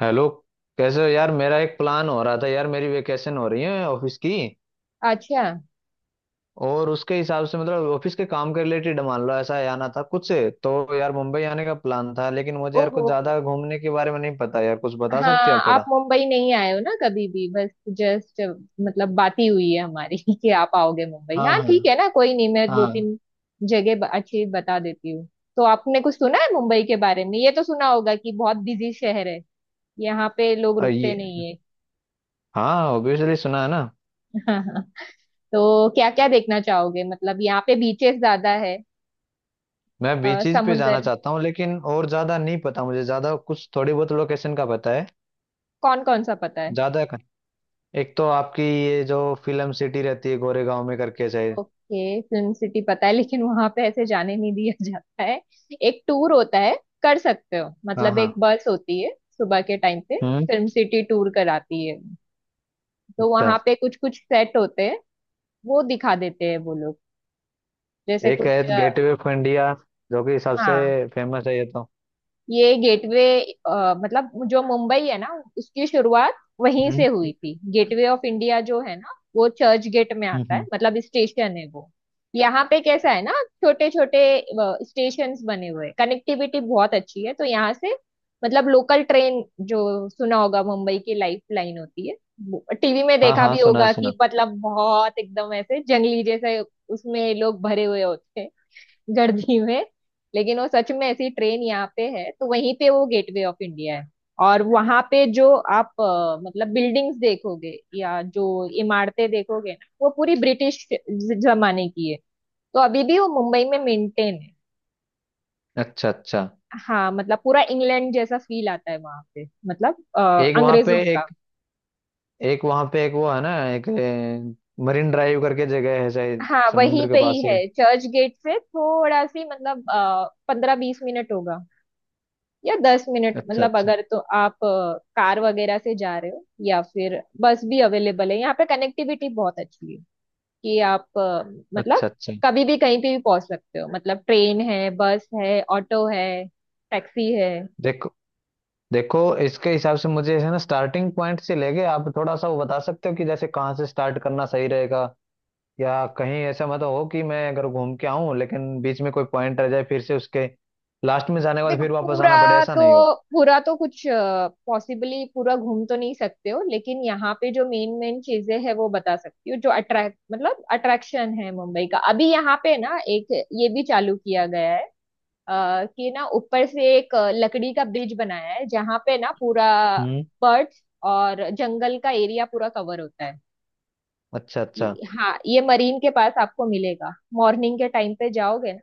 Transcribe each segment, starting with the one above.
Hello. कैसे हो यार? मेरा एक प्लान हो रहा था यार, मेरी वेकेशन हो रही है ऑफिस की, अच्छा। और उसके हिसाब से मतलब ऑफिस के काम के रिलेटेड मान लो ऐसा आना था कुछ, तो यार मुंबई आने का प्लान था। लेकिन मुझे यार कुछ ओहो। ज्यादा घूमने के बारे में नहीं पता, यार कुछ बता हाँ, सकते हो आप आप थोड़ा? मुंबई नहीं आए हो ना कभी भी। बस, जस्ट मतलब बात ही हुई है हमारी कि आप आओगे मुंबई। हाँ हाँ हाँ। ठीक है ना, कोई नहीं, मैं दो हाँ। तीन जगह अच्छी बता देती हूँ। तो आपने कुछ सुना है मुंबई के बारे में? ये तो सुना होगा कि बहुत बिजी शहर है, यहाँ पे लोग रुकते ये नहीं हाँ, ऑब्वियसली सुना है ना। है तो क्या क्या देखना चाहोगे? मतलब यहाँ पे बीचेस ज्यादा है। मैं बीचेस पे जाना समुंदर चाहता हूँ, लेकिन और ज्यादा नहीं पता मुझे, ज्यादा कुछ थोड़ी बहुत लोकेशन का पता है। कौन कौन सा पता है? ज्यादा का- एक तो आपकी ये जो फिल्म सिटी रहती है गोरेगांव में करके शायद। ओके, फिल्म सिटी पता है, लेकिन वहां पे ऐसे जाने नहीं दिया जाता है। एक टूर होता है, कर सकते हो। हाँ मतलब हाँ। एक बस होती है सुबह के टाइम पे, हम्म। फिल्म सिटी टूर कराती है। तो अच्छा। वहां पे कुछ कुछ सेट होते हैं, वो दिखा देते हैं वो लोग। जैसे एक है कुछ गेटवे ऑफ इंडिया, जो कि सबसे हाँ, फेमस है ये तो। ये गेटवे, मतलब जो मुंबई है ना, उसकी शुरुआत वहीं से हुई हम्म थी। गेटवे ऑफ इंडिया जो है ना, वो चर्च गेट में हम्म, आता है, हम्म। मतलब स्टेशन है वो। यहाँ पे कैसा है ना, छोटे छोटे स्टेशंस बने हुए हैं, कनेक्टिविटी बहुत अच्छी है। तो यहाँ से, मतलब लोकल ट्रेन जो सुना होगा, मुंबई की लाइफ लाइन होती है। टीवी में हाँ देखा हाँ, भी सुना है होगा सुना। कि मतलब बहुत एकदम ऐसे जंगली जैसे उसमें लोग भरे हुए होते हैं गर्जी में। लेकिन वो सच में ऐसी ट्रेन यहाँ पे है। तो वहीं पे वो गेटवे ऑफ इंडिया है। और वहां पे जो आप मतलब बिल्डिंग्स देखोगे, या जो इमारतें देखोगे ना, वो पूरी ब्रिटिश जमाने की है। तो अभी भी वो मुंबई में मेंटेन है। अच्छा अच्छा। हाँ, मतलब पूरा इंग्लैंड जैसा फील आता है वहां पे, मतलब एक वहां अंग्रेजों पे का। एक एक वहां पे एक वो है ना, एक मरीन ड्राइव करके जगह है शायद हाँ, वहीं समुद्र के पे पास ही ही। है, चर्च गेट से थोड़ा सी मतलब 15-20 मिनट होगा, या 10 मिनट, अच्छा मतलब अच्छा। अगर तो आप कार वगैरह से जा रहे हो, या फिर बस भी अवेलेबल है। यहाँ पे कनेक्टिविटी बहुत अच्छी है कि आप अच्छा मतलब अच्छा। कभी भी कहीं पे भी पहुंच सकते हो। मतलब ट्रेन है, बस है, ऑटो है, टैक्सी है। देखो। देखो, इसके हिसाब से मुझे है ना स्टार्टिंग पॉइंट से लेके आप थोड़ा सा वो बता सकते हो कि जैसे कहाँ से स्टार्ट करना सही रहेगा। या कहीं ऐसा मत हो कि मैं अगर घूम के आऊं लेकिन बीच में कोई पॉइंट रह जाए, फिर से उसके लास्ट में जाने के बाद देखो फिर वापस पूरा आना पड़े, ऐसा तो, नहीं हो। पूरा तो कुछ पॉसिबली पूरा घूम तो नहीं सकते हो, लेकिन यहाँ पे जो मेन मेन चीजें हैं वो बता सकती हूँ। जो अट्रैक्ट मतलब अट्रैक्शन है मुंबई का अभी, यहाँ पे ना एक ये भी चालू किया गया है कि ना ऊपर से एक लकड़ी का ब्रिज बनाया है, जहाँ पे ना पूरा हम्म। बर्ड्स और जंगल का एरिया पूरा कवर होता है। अच्छा अच्छा। हाँ, ये मरीन के पास आपको मिलेगा। मॉर्निंग के टाइम पे जाओगे ना,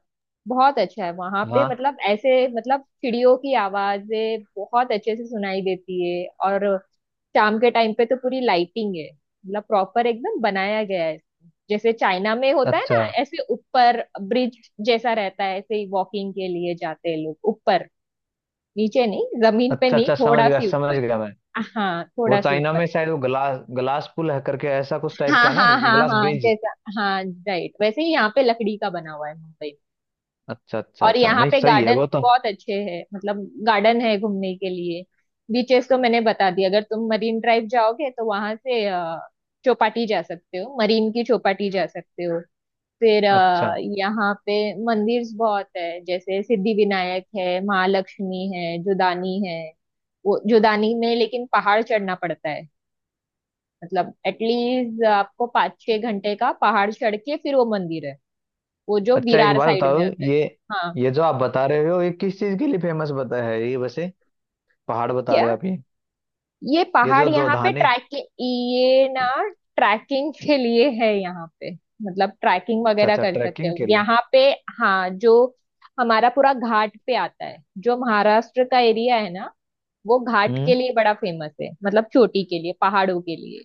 बहुत अच्छा है वहां पे, हाँ। मतलब ऐसे मतलब चिड़ियों की आवाजें बहुत अच्छे से सुनाई देती है। और शाम के टाइम पे तो पूरी लाइटिंग है, मतलब प्रॉपर एकदम बनाया गया है। जैसे चाइना में होता है अच्छा ना, ऐसे ऊपर ब्रिज जैसा रहता है, ऐसे ही वॉकिंग के लिए जाते हैं लोग ऊपर, नीचे नहीं, जमीन पे अच्छा नहीं, अच्छा, थोड़ा सी समझ ऊपर। गया मैं। हाँ, वो थोड़ा सी चाइना ऊपर। में शायद वो ग्लास ग्लास पुल है करके, ऐसा कुछ टाइप हाँ का ना। हाँ हाँ ग्लास हाँ ब्रिज। जैसा। हाँ राइट, वैसे ही यहाँ पे लकड़ी का बना हुआ है मुंबई अच्छा में। अच्छा और अच्छा, यहाँ नहीं पे सही है गार्डन वो तो। बहुत अच्छे हैं, मतलब गार्डन है घूमने के लिए। बीचेस तो मैंने बता दिया, अगर तुम मरीन ड्राइव जाओगे तो वहां से चौपाटी जा सकते हो, मरीन की चौपाटी जा सकते हो। फिर अच्छा। यहाँ पे मंदिर बहुत है, जैसे सिद्धि विनायक है, महालक्ष्मी है, जुदानी है। वो जुदानी में लेकिन पहाड़ चढ़ना पड़ता है। मतलब एटलीस्ट आपको 5-6 घंटे का पहाड़ चढ़ के फिर वो मंदिर है। वो जो अच्छा, एक विरार बात साइड बताओ में आता है। ये। हाँ, ये जो आप बता रहे हो ये किस चीज के लिए फेमस बता है ये वैसे? पहाड़ बता क्या? रहे हो आप ये? ये ये पहाड़ जो यहाँ पे जोधाने। ट्रैकिंग, ये ना ट्रैकिंग के लिए है यहाँ पे। मतलब ट्रैकिंग अच्छा वगैरह अच्छा, कर सकते ट्रैकिंग हो के लिए। यहाँ पे। हाँ, जो हमारा पूरा घाट पे आता है, जो महाराष्ट्र का एरिया है ना, वो घाट हम्म। के लिए बड़ा फेमस है, मतलब चोटी के लिए पहाड़ों के लिए।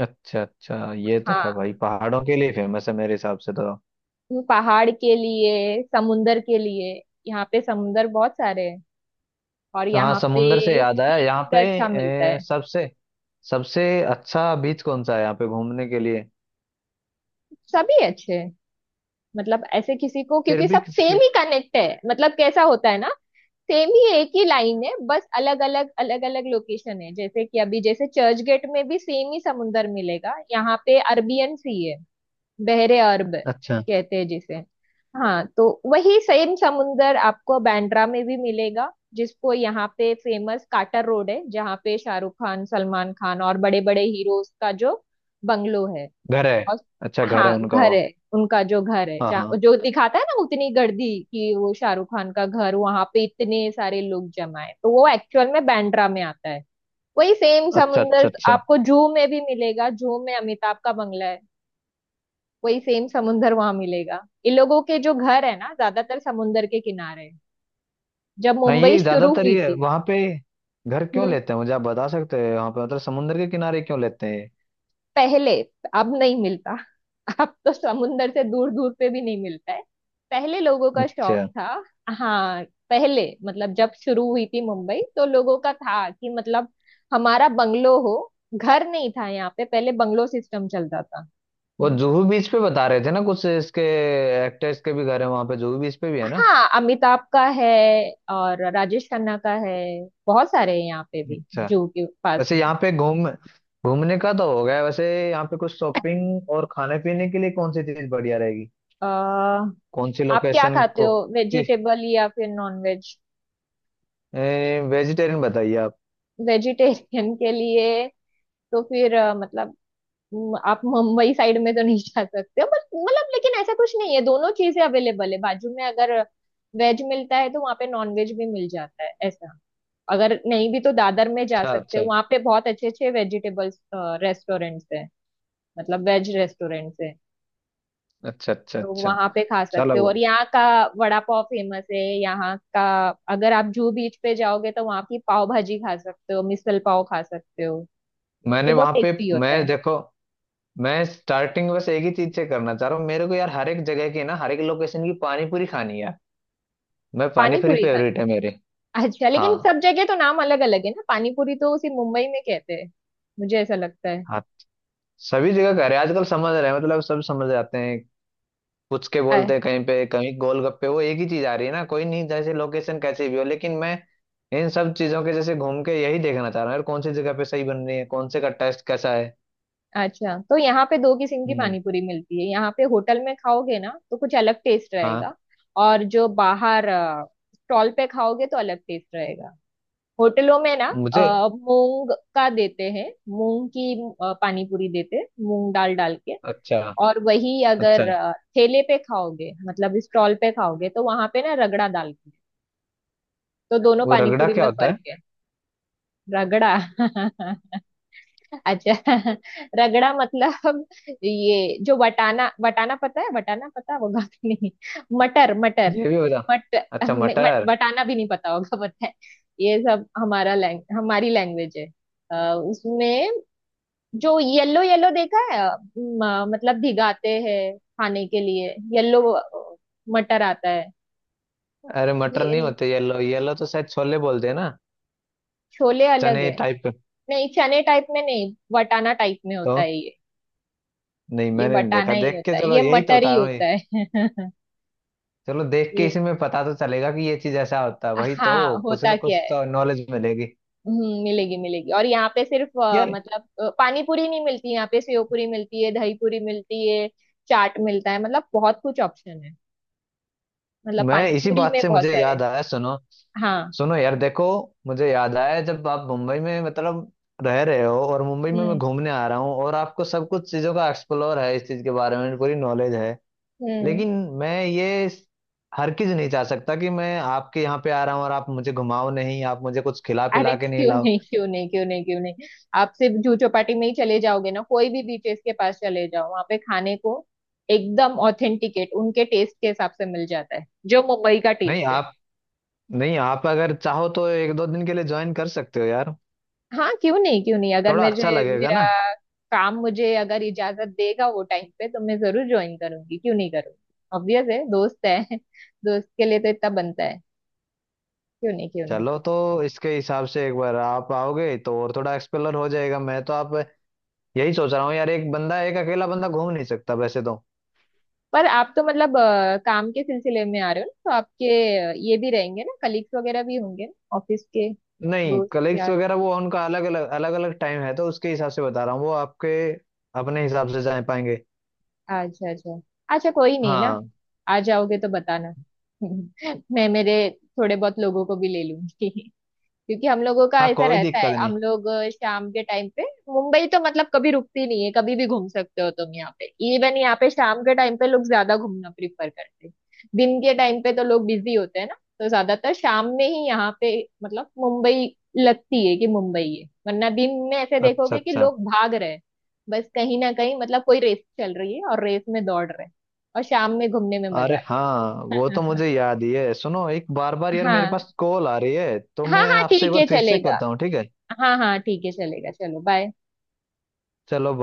अच्छा अच्छा, ये तो है हाँ, भाई, पहाड़ों के लिए फेमस है मेरे हिसाब से तो। पहाड़ के लिए, समुंदर के लिए। यहाँ पे समुंदर बहुत सारे हैं, और हाँ, यहाँ समुंदर से पे याद आया सी यहाँ फूड पे। अच्छा मिलता है। सबसे सबसे अच्छा बीच कौन सा है यहाँ पे घूमने के लिए? सभी अच्छे हैं, मतलब ऐसे किसी को, फिर क्योंकि भी सब सेम किसी। ही कनेक्ट है, मतलब कैसा होता है ना, सेम ही एक ही लाइन है, बस अलग अलग अलग अलग लोकेशन है। जैसे कि अभी जैसे चर्च गेट में भी सेम ही समुंदर मिलेगा। यहाँ पे अरबियन सी है, बहरे अरब अच्छा। कहते हैं जिसे। हाँ तो वही सेम समुंदर आपको बांद्रा में भी मिलेगा, जिसको यहाँ पे फेमस काटर रोड है, जहाँ पे शाहरुख खान, सलमान खान और बड़े बड़े हीरोज का जो बंगलो है। घर है। और अच्छा, घर हाँ, है उनका घर वो। है उनका, जो घर है, हाँ जहाँ हाँ। जो दिखाता है ना, उतनी गर्दी कि वो शाहरुख खान का घर, वहां पे इतने सारे लोग जमा है, तो वो एक्चुअल में बांद्रा में आता है। वही सेम अच्छा अच्छा समुंदर अच्छा। आपको जू में भी मिलेगा, जू में अमिताभ का बंगला है। वही सेम समुंदर वहां मिलेगा। इन लोगों के जो घर है ना, ज्यादातर समुंदर के किनारे है। जब हाँ मुंबई ये शुरू ज्यादातर हुई ये थी, वहाँ पे घर क्यों लेते हैं, मुझे आप बता सकते हैं वहाँ पे मतलब समुंदर के किनारे क्यों लेते हैं ये? पहले। अब नहीं मिलता, अब तो समुंदर से दूर दूर पे भी नहीं मिलता है। पहले लोगों का शौक अच्छा। था। हाँ, पहले मतलब जब शुरू हुई थी मुंबई, तो लोगों का था कि मतलब हमारा बंगलो हो। घर नहीं था यहाँ पे पहले, बंगलो सिस्टम चलता था। वो जुहू बीच पे बता रहे थे ना कुछ इसके एक्टर्स के भी घर है वहाँ पे, जुहू बीच पे भी है ना? हाँ, अमिताभ का है और राजेश खन्ना का है, बहुत सारे हैं यहाँ पे भी, अच्छा। जू के पास वैसे में। यहाँ पे घूम, घूमने का तो हो गया वैसे। यहाँ पे कुछ शॉपिंग और खाने पीने के लिए कौन सी चीज बढ़िया रहेगी, आ, कौन सी आप क्या लोकेशन खाते को? हो, कि वेजिटेबल या फिर नॉन वेज? वेजिटेरियन बताइए आप। वेजिटेरियन के लिए तो फिर मतलब आप मुंबई साइड में तो नहीं जा सकते हो, बट मतलब, लेकिन ऐसा कुछ नहीं है। दोनों चीजें अवेलेबल है, बाजू में अगर वेज मिलता है तो वहाँ पे नॉन वेज भी मिल जाता है ऐसा। अगर नहीं भी तो दादर में जा अच्छा सकते हो, अच्छा। वहाँ पे बहुत अच्छे अच्छे वेजिटेबल्स रेस्टोरेंट्स हैं, मतलब वेज रेस्टोरेंट्स हैं। अच्छा अच्छा। तो अच्छा। वहाँ पे खा चलो सकते हो। वो। और यहाँ का वड़ा पाव फेमस है यहाँ का। अगर आप जूहू बीच पे जाओगे तो वहाँ की पाव भाजी खा सकते हो, मिसल पाव खा सकते हो, ये मैंने बहुत वहां पे। टेस्टी मैं होता है। देखो, मैं स्टार्टिंग बस एक ही चीज से करना चाह रहा हूँ, मेरे को यार हर एक जगह की ना हर एक लोकेशन की पानी पूरी खानी है। मैं पानी पानी पूरी पूरी खानी फेवरेट है मेरे। है। अच्छा, लेकिन हाँ। सब जगह तो नाम अलग अलग है ना, पानीपुरी तो सिर्फ मुंबई में कहते हैं, मुझे ऐसा लगता है। हाँ। सभी जगह कह रहे हैं आजकल, समझ रहे हैं मतलब, सब समझ जाते हैं। पूछ के अ- बोलते हैं, कहीं पे कहीं गोलगप्पे, वो एक ही चीज आ रही है ना, कोई नहीं, जैसे लोकेशन कैसी भी हो लेकिन मैं इन सब चीजों के जैसे घूम के यही देखना चाह रहा हूँ यार, कौन सी जगह पे सही बन रही है, कौन से का टेस्ट कैसा है। अच्छा, तो यहाँ पे दो किस्म की हम्म। पानीपुरी मिलती है। यहाँ पे होटल में खाओगे ना तो कुछ अलग टेस्ट हाँ। रहेगा, और जो बाहर स्टॉल पे खाओगे तो अलग टेस्ट रहेगा। होटलों में ना मुझे। मूंग का देते हैं, मूंग की पानीपुरी देते हैं मूंग दाल डाल के। अच्छा। और वही अच्छा, अगर ठेले पे खाओगे, मतलब स्टॉल पे खाओगे, तो वहां पे ना रगड़ा दाल की। तो दोनों वो रगड़ा पानीपुरी क्या में होता फर्क है? है। रगड़ा अच्छा रगड़ा मतलब ये जो वटाना वटाना पता है? वटाना पता होगा कि नहीं? मटर, मटर। ये भी बता। मट, अच्छा, नहीं, मट मटर। वटाना भी नहीं पता होगा? पता है? ये सब हमारा लैंग हमारी लैंग्वेज है। उसमें जो येलो येलो देखा है मतलब भिगाते हैं खाने के लिए। येलो मटर आता है। अरे मटर नहीं भेल- होते, येलो येलो तो शायद छोले बोलते हैं ना, छोले अलग है? चने टाइप के। नहीं, चने टाइप में नहीं, वटाना टाइप में होता तो है ये। नहीं ये मैंने नहीं बटाना देखा, ही देख होता के है, चलो ये यही तो मटर बता ही रहा हूँ होता ये। है। चलो, देख के ये, इसी में पता तो चलेगा कि ये चीज ऐसा होता है, वही हाँ, तो कुछ होता ना क्या कुछ है। तो नॉलेज मिलेगी मिलेगी मिलेगी। और यहाँ पे सिर्फ यार। मतलब पानी पूरी नहीं मिलती, यहाँ पे सेव पूरी मिलती है, दही पूरी मिलती है, चाट मिलता है, मतलब बहुत कुछ ऑप्शन है। मतलब मैं पानी इसी पूरी बात में से बहुत मुझे सारे। याद आया, सुनो। हाँ। सुनो यार, देखो, मुझे याद आया, जब आप मुंबई में मतलब रह रहे हो और मुंबई में मैं हम्म घूमने आ रहा हूँ, और आपको सब कुछ चीजों का एक्सप्लोर है, इस चीज के बारे में पूरी नॉलेज है। हम्म। लेकिन मैं ये हर चीज नहीं चाह सकता कि मैं आपके यहाँ पे आ रहा हूँ और आप मुझे घुमाओ नहीं, आप मुझे कुछ खिला अरे पिला के नहीं क्यों लाओ। नहीं, क्यों नहीं, क्यों नहीं, क्यों नहीं। आप सिर्फ जूह चौपाटी में ही चले जाओगे ना, कोई भी बीचेस के पास चले जाओ वहाँ पे खाने को, एकदम ऑथेंटिकेट उनके टेस्ट के हिसाब से मिल जाता है, जो मुंबई का नहीं टेस्ट है। आप नहीं आप अगर चाहो तो एक दो दिन के लिए ज्वाइन कर सकते हो यार, हाँ क्यों नहीं क्यों नहीं, अगर थोड़ा मुझे अच्छा लगेगा मेरा ना। काम मुझे अगर इजाजत देगा वो टाइम पे, तो मैं जरूर ज्वाइन करूंगी, क्यों नहीं करूंगी। ऑब्वियस है, दोस्त है दोस्त के लिए तो इतना बनता है। क्यों नहीं क्यों नहीं। चलो तो, इसके हिसाब से एक बार आप आओगे तो और थोड़ा एक्सप्लोर हो जाएगा मैं तो। आप यही सोच रहा हूँ यार, एक बंदा, एक अकेला बंदा घूम नहीं सकता वैसे तो। पर आप तो मतलब काम के सिलसिले में आ रहे हो ना, तो आपके ये भी रहेंगे ना, कलीग्स वगैरह भी होंगे ना ऑफिस के। नहीं, दोस्त कलीग्स यार। वगैरह वो उनका अलग अलग टाइम है, तो उसके हिसाब से बता रहा हूँ, वो आपके अपने हिसाब से जा पाएंगे। अच्छा अच्छा, अच्छा कोई नहीं ना। हाँ आ जाओगे तो बताना मैं मेरे थोड़े बहुत लोगों को भी ले लूंगी, क्योंकि हम लोगों का हाँ, ऐसा कोई रहता दिक्कत है। नहीं। हम लोग शाम के टाइम पे, मुंबई तो मतलब कभी रुकती नहीं है, कभी भी घूम सकते हो तुम यहाँ पे। इवन यहाँ पे शाम के टाइम पे लोग ज्यादा घूमना प्रिफर करते हैं। दिन के टाइम पे तो लोग बिजी होते हैं ना, तो ज्यादातर शाम में ही यहाँ पे मतलब मुंबई लगती है कि मुंबई है। वरना दिन में ऐसे अच्छा देखोगे कि अच्छा। लोग भाग रहे हैं बस, कहीं ना कहीं मतलब कोई रेस चल रही है और रेस में दौड़ रहे हैं। और शाम में घूमने में मजा अरे आता हाँ वो तो है मुझे याद ही है। सुनो, एक बार बार यार मेरे हाँ पास कॉल आ रही है, तो हाँ मैं हाँ आपसे एक ठीक बार है, फिर से चलेगा। करता हूँ ठीक है। हाँ हाँ ठीक है, चलेगा। चलो बाय। चलो।